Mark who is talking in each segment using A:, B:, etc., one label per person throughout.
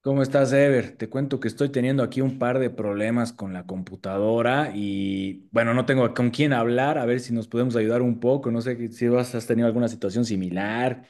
A: ¿Cómo estás, Ever? Te cuento que estoy teniendo aquí un par de problemas con la computadora y bueno, no tengo con quién hablar, a ver si nos podemos ayudar un poco, no sé que- si vas- has tenido alguna situación similar.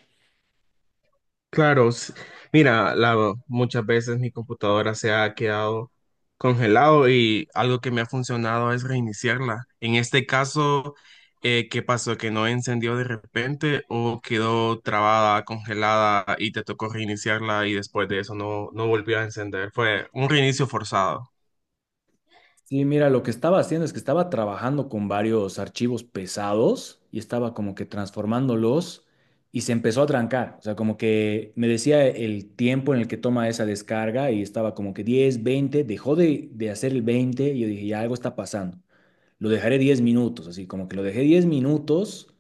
B: Claro, mira, muchas veces mi computadora se ha quedado congelado y algo que me ha funcionado es reiniciarla. En este caso, ¿qué pasó? ¿Que no encendió de repente o quedó trabada, congelada y te tocó reiniciarla y después de eso no volvió a encender? Fue un reinicio forzado.
A: Sí, mira, lo que estaba haciendo es que estaba trabajando con varios archivos pesados y estaba como que transformándolos y se empezó a trancar, o sea, como que me decía el tiempo en el que toma esa descarga y estaba como que 10, 20. Dejó de hacer el 20 y yo dije, ya algo está pasando. Lo dejaré 10 minutos, así como que lo dejé 10 minutos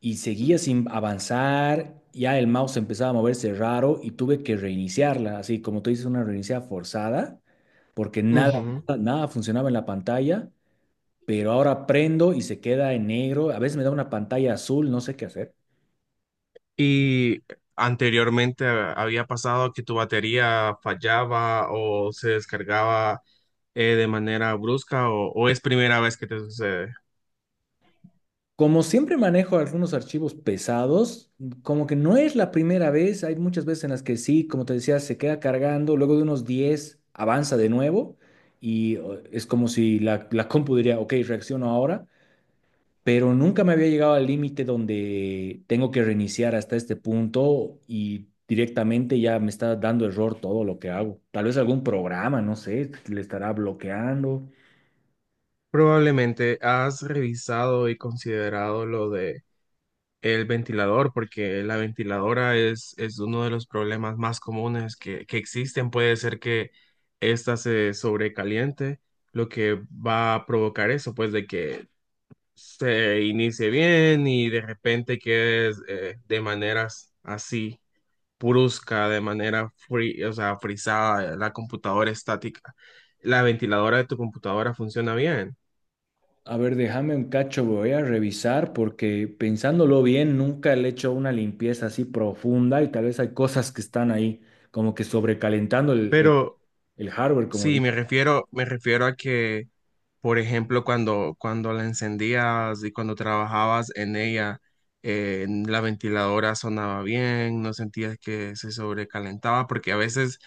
A: y seguía sin avanzar, ya el mouse empezaba a moverse raro y tuve que reiniciarla, así como tú dices, una reiniciada forzada, porque nada,
B: Ujú.
A: nada, nada funcionaba en la pantalla, pero ahora prendo y se queda en negro, a veces me da una pantalla azul, no sé qué hacer.
B: Y anteriormente había pasado que tu batería fallaba o se descargaba de manera brusca o es primera vez que te sucede.
A: Como siempre manejo algunos archivos pesados, como que no es la primera vez, hay muchas veces en las que sí, como te decía, se queda cargando, luego de unos 10 avanza de nuevo y o, es como si la compu diría, ok, reacciono ahora, pero nunca me había llegado al límite donde tengo que reiniciar hasta este punto y directamente ya me está dando error todo lo que hago. Tal vez algún programa, no sé, le estará bloqueando.
B: Probablemente has revisado y considerado lo de el ventilador, porque la ventiladora es uno de los problemas más comunes que existen. Puede ser que ésta se sobrecaliente, lo que va a provocar eso, pues de que se inicie bien y de repente quedes de maneras así, brusca, de manera free, o sea, frisada, la computadora estática. ¿La ventiladora de tu computadora funciona bien?
A: A ver, déjame un cacho, voy a revisar porque pensándolo bien, nunca le he hecho una limpieza así profunda y tal vez hay cosas que están ahí como que sobrecalentando
B: Pero
A: el hardware,
B: sí, me refiero a que, por ejemplo, cuando la encendías y cuando trabajabas en ella, la ventiladora sonaba bien, no sentías que se sobrecalentaba, porque a veces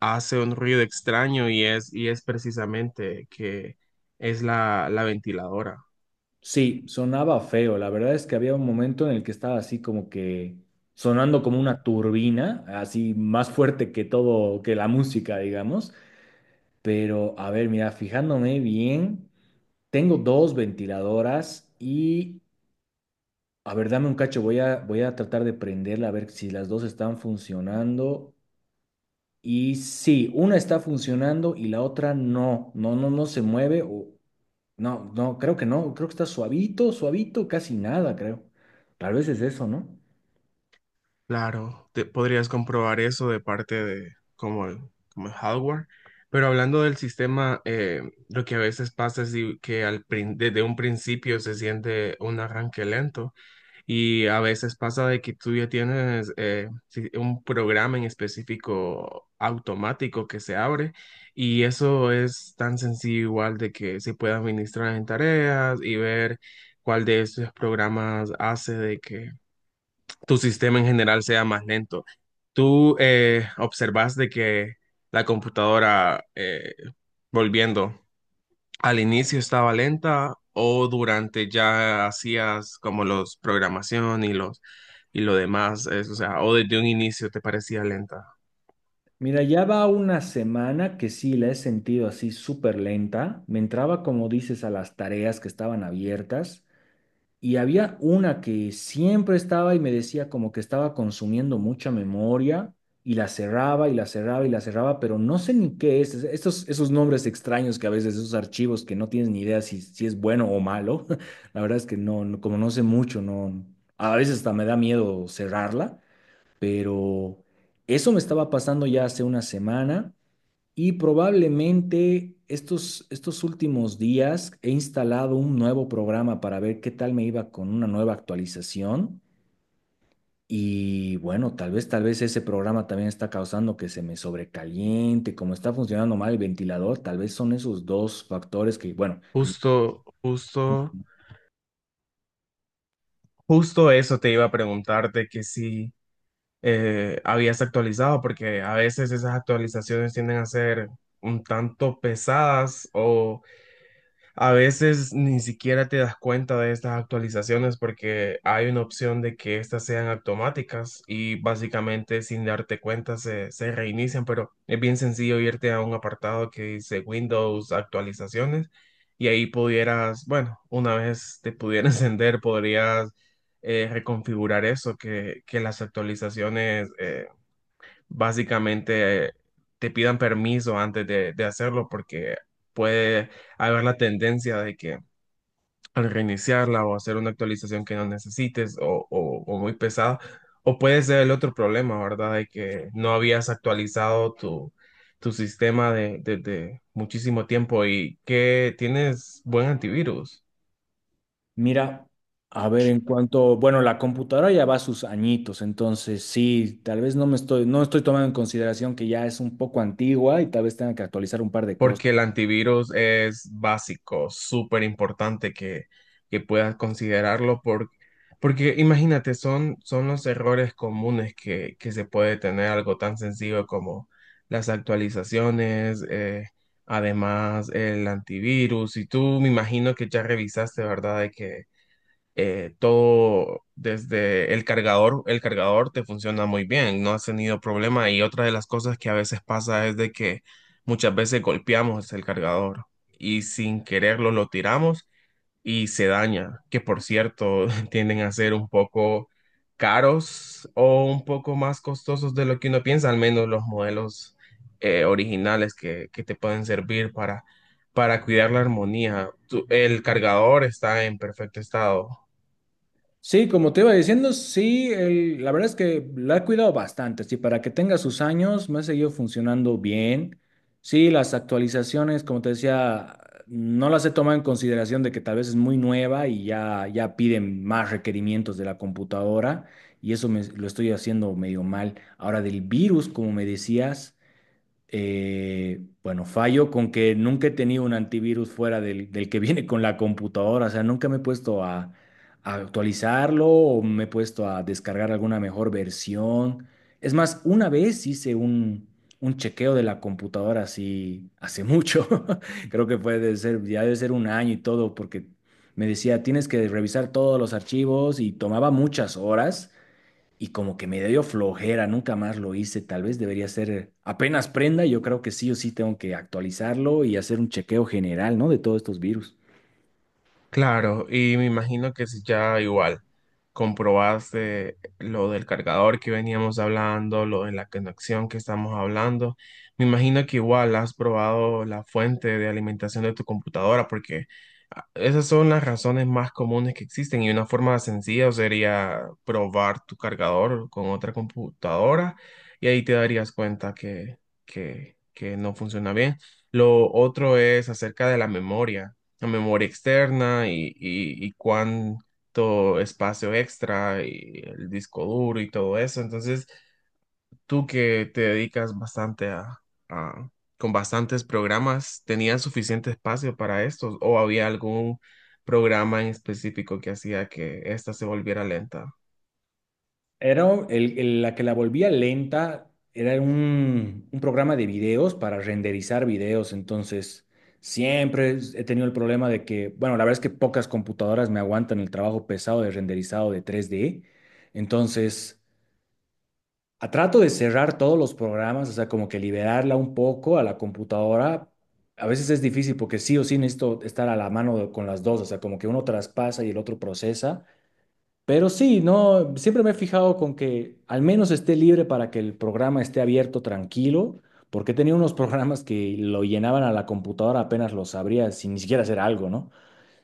B: hace un ruido extraño y es precisamente que es la ventiladora.
A: sí, sonaba feo. La verdad es que había un momento en el que estaba así como que sonando como una turbina, así más fuerte que todo, que la música, digamos. Pero a ver, mira, fijándome bien, tengo dos ventiladoras y a ver, dame un cacho, voy a tratar de prenderla a ver si las dos están funcionando. Y sí, una está funcionando y la otra no, no, no, no se mueve. O... No, no, creo que no, creo que está suavito, suavito, casi nada, creo. Tal vez es eso, ¿no?
B: Claro, podrías comprobar eso de parte de como el hardware, pero hablando del sistema, lo que a veces pasa es que desde un principio se siente un arranque lento y a veces pasa de que tú ya tienes un programa en específico automático que se abre y eso es tan sencillo igual de que se puede administrar en tareas y ver cuál de esos programas hace de que tu sistema en general sea más lento. Tú observas de que la computadora, volviendo, al inicio estaba lenta o durante ya hacías como los programación y lo demás, es, o sea, o desde un inicio te parecía lenta.
A: Mira, ya va una semana que sí la he sentido así súper lenta. Me entraba, como dices, a las tareas que estaban abiertas. Y había una que siempre estaba y me decía como que estaba consumiendo mucha memoria y la cerraba y la cerraba y la cerraba, pero no sé ni qué es. Estos, esos nombres extraños que a veces, esos archivos que no tienes ni idea si, si es bueno o malo, la verdad es que como no sé mucho, no, a veces hasta me da miedo cerrarla, pero eso me estaba pasando ya hace una semana. Y probablemente estos últimos días he instalado un nuevo programa para ver qué tal me iba con una nueva actualización. Y bueno, tal vez ese programa también está causando que se me sobrecaliente, como está funcionando mal el ventilador, tal vez son esos dos factores que, bueno, que
B: Justo, justo, justo eso te iba a preguntarte que si habías actualizado, porque a veces esas actualizaciones tienden a ser un tanto pesadas o a veces ni siquiera te das cuenta de estas actualizaciones porque hay una opción de que estas sean automáticas y básicamente sin darte cuenta se reinician, pero es bien sencillo irte a un apartado que dice Windows actualizaciones y ahí pudieras, bueno, una vez te pudiera encender, podrías reconfigurar eso, que las actualizaciones básicamente te pidan permiso antes de hacerlo porque puede haber la tendencia de que al reiniciarla o hacer una actualización que no necesites o muy pesada, o puede ser el otro problema, ¿verdad? De que no habías actualizado tu, tu sistema de muchísimo tiempo y que tienes buen antivirus.
A: mira, a ver en cuanto, bueno, la computadora ya va a sus añitos, entonces sí, tal vez no estoy tomando en consideración que ya es un poco antigua y tal vez tenga que actualizar un par de cosas.
B: Porque el antivirus es básico, súper importante que puedas porque imagínate, son los errores comunes que se puede tener algo tan sencillo como las actualizaciones, además el antivirus. Y tú me imagino que ya revisaste, ¿verdad? De que todo desde el cargador te funciona muy bien, no has tenido problema y otra de las cosas que a veces pasa es de que muchas veces golpeamos el cargador y sin quererlo lo tiramos y se daña, que por cierto tienden a ser un poco caros o un poco más costosos de lo que uno piensa, al menos los modelos originales que te pueden servir para cuidar la armonía. ¿El cargador está en perfecto estado?
A: Sí, como te iba diciendo, sí, la verdad es que la he cuidado bastante, sí, para que tenga sus años, me ha seguido funcionando bien. Sí, las actualizaciones, como te decía, no las he tomado en consideración de que tal vez es muy nueva y ya, ya piden más requerimientos de la computadora y eso me, lo estoy haciendo medio mal. Ahora del virus, como me decías. Bueno, fallo con que nunca he tenido un antivirus fuera del que viene con la computadora, o sea, nunca me he puesto a actualizarlo o me he puesto a descargar alguna mejor versión. Es más, una vez hice un chequeo de la computadora así hace mucho, creo que puede ser, ya debe ser un año y todo, porque me decía, tienes que revisar todos los archivos y tomaba muchas horas y como que me dio flojera, nunca más lo hice, tal vez debería ser apenas prenda, yo creo que sí o sí tengo que actualizarlo y hacer un chequeo general, ¿no? De todos estos virus.
B: Claro, y me imagino que si ya igual comprobaste lo del cargador que veníamos hablando, lo de la conexión que estamos hablando, me imagino que igual has probado la fuente de alimentación de tu computadora, porque ah, esas son las razones más comunes que existen y una forma sencilla sería probar tu cargador con otra computadora y ahí te darías cuenta que no funciona bien. Lo otro es acerca de la memoria, la memoria externa y cuánto espacio extra y el disco duro y todo eso. Entonces, tú que te dedicas bastante a- con bastantes programas, ¿tenías suficiente espacio para estos o había algún programa en específico que hacía que esta se volviera lenta?
A: Era la que la volvía lenta, era un programa de videos para renderizar videos, entonces siempre he tenido el problema de que, bueno, la verdad es que pocas computadoras me aguantan el trabajo pesado de renderizado de 3D, entonces... trato de cerrar todos los programas, o sea, como que liberarla un poco a la computadora. A veces es difícil porque sí o sí necesito estar a la mano con las dos, o sea, como que uno traspasa y el otro procesa. Pero sí, no, siempre me he fijado con que al menos esté libre para que el programa esté abierto tranquilo, porque tenía unos programas que lo llenaban a la computadora apenas los abría sin ni siquiera hacer algo, ¿no?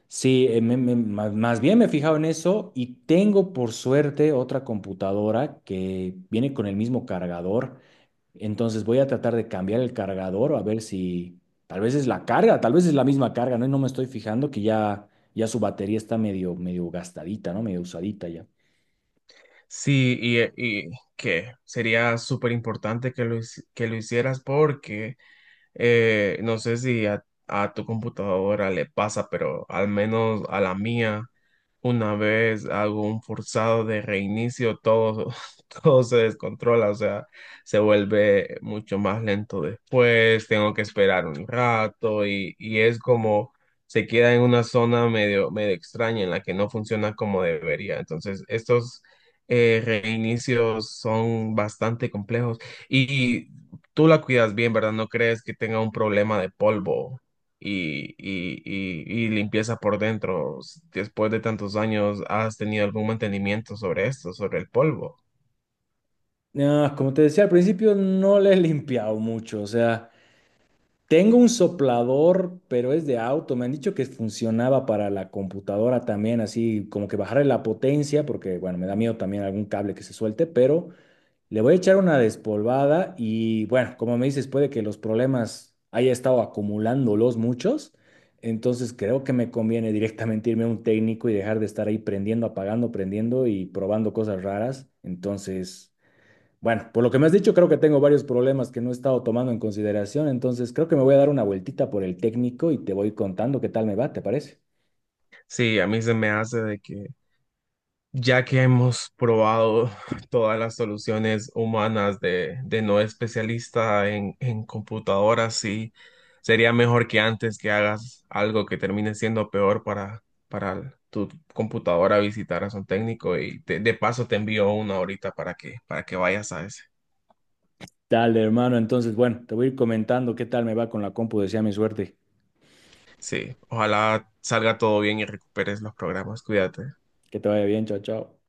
A: Sí, más bien me he fijado en eso y tengo por suerte otra computadora que viene con el mismo cargador. Entonces voy a tratar de cambiar el cargador a ver si tal vez es la carga, tal vez es la misma carga, ¿no? Y no me estoy fijando que ya, ya su batería está medio, medio gastadita, ¿no? Medio usadita ya.
B: Y que sería súper importante que que lo hicieras porque eh, no sé si a tu computadora le pasa, pero al menos a la mía, una vez hago un forzado de reinicio, todo, todo se descontrola, o sea, se vuelve mucho más lento después, tengo que esperar un rato y es como se queda en una zona medio, medio extraña en la que no funciona como debería. Entonces, estos reinicios son bastante complejos. Y tú la cuidas bien, ¿verdad? No crees que tenga un problema de polvo y limpieza por dentro. Después de tantos años, ¿has tenido algún mantenimiento sobre esto, sobre el polvo?
A: Ah, como te decía al principio, no le he limpiado mucho, o sea... Tengo un soplador, pero es de auto. Me han dicho que funcionaba para la computadora también, así como que bajarle la potencia, porque bueno, me da miedo también algún cable que se suelte, pero le voy a echar una despolvada y bueno, como me dices, puede que los problemas haya estado acumulándolos muchos, entonces creo que me conviene directamente irme a un técnico y dejar de estar ahí prendiendo, apagando, prendiendo y probando cosas raras. Entonces... Bueno, por lo que me has dicho, creo que tengo varios problemas que no he estado tomando en consideración, entonces creo que me voy a dar una vueltita por el técnico y te voy contando qué tal me va, ¿te parece?
B: Sí, a mí se me hace de que ya que hemos probado todas las soluciones humanas de no especialista en computadoras, sí, sería mejor que antes que hagas algo que termine siendo peor para tu computadora visitaras a un técnico y de paso te envío una ahorita para que vayas a ese.
A: Dale, hermano, entonces, bueno, te voy a ir comentando qué tal me va con la compu, desea mi suerte.
B: Sí, ojalá salga todo bien y recuperes los programas. Cuídate.
A: Que te vaya bien, chao, chao.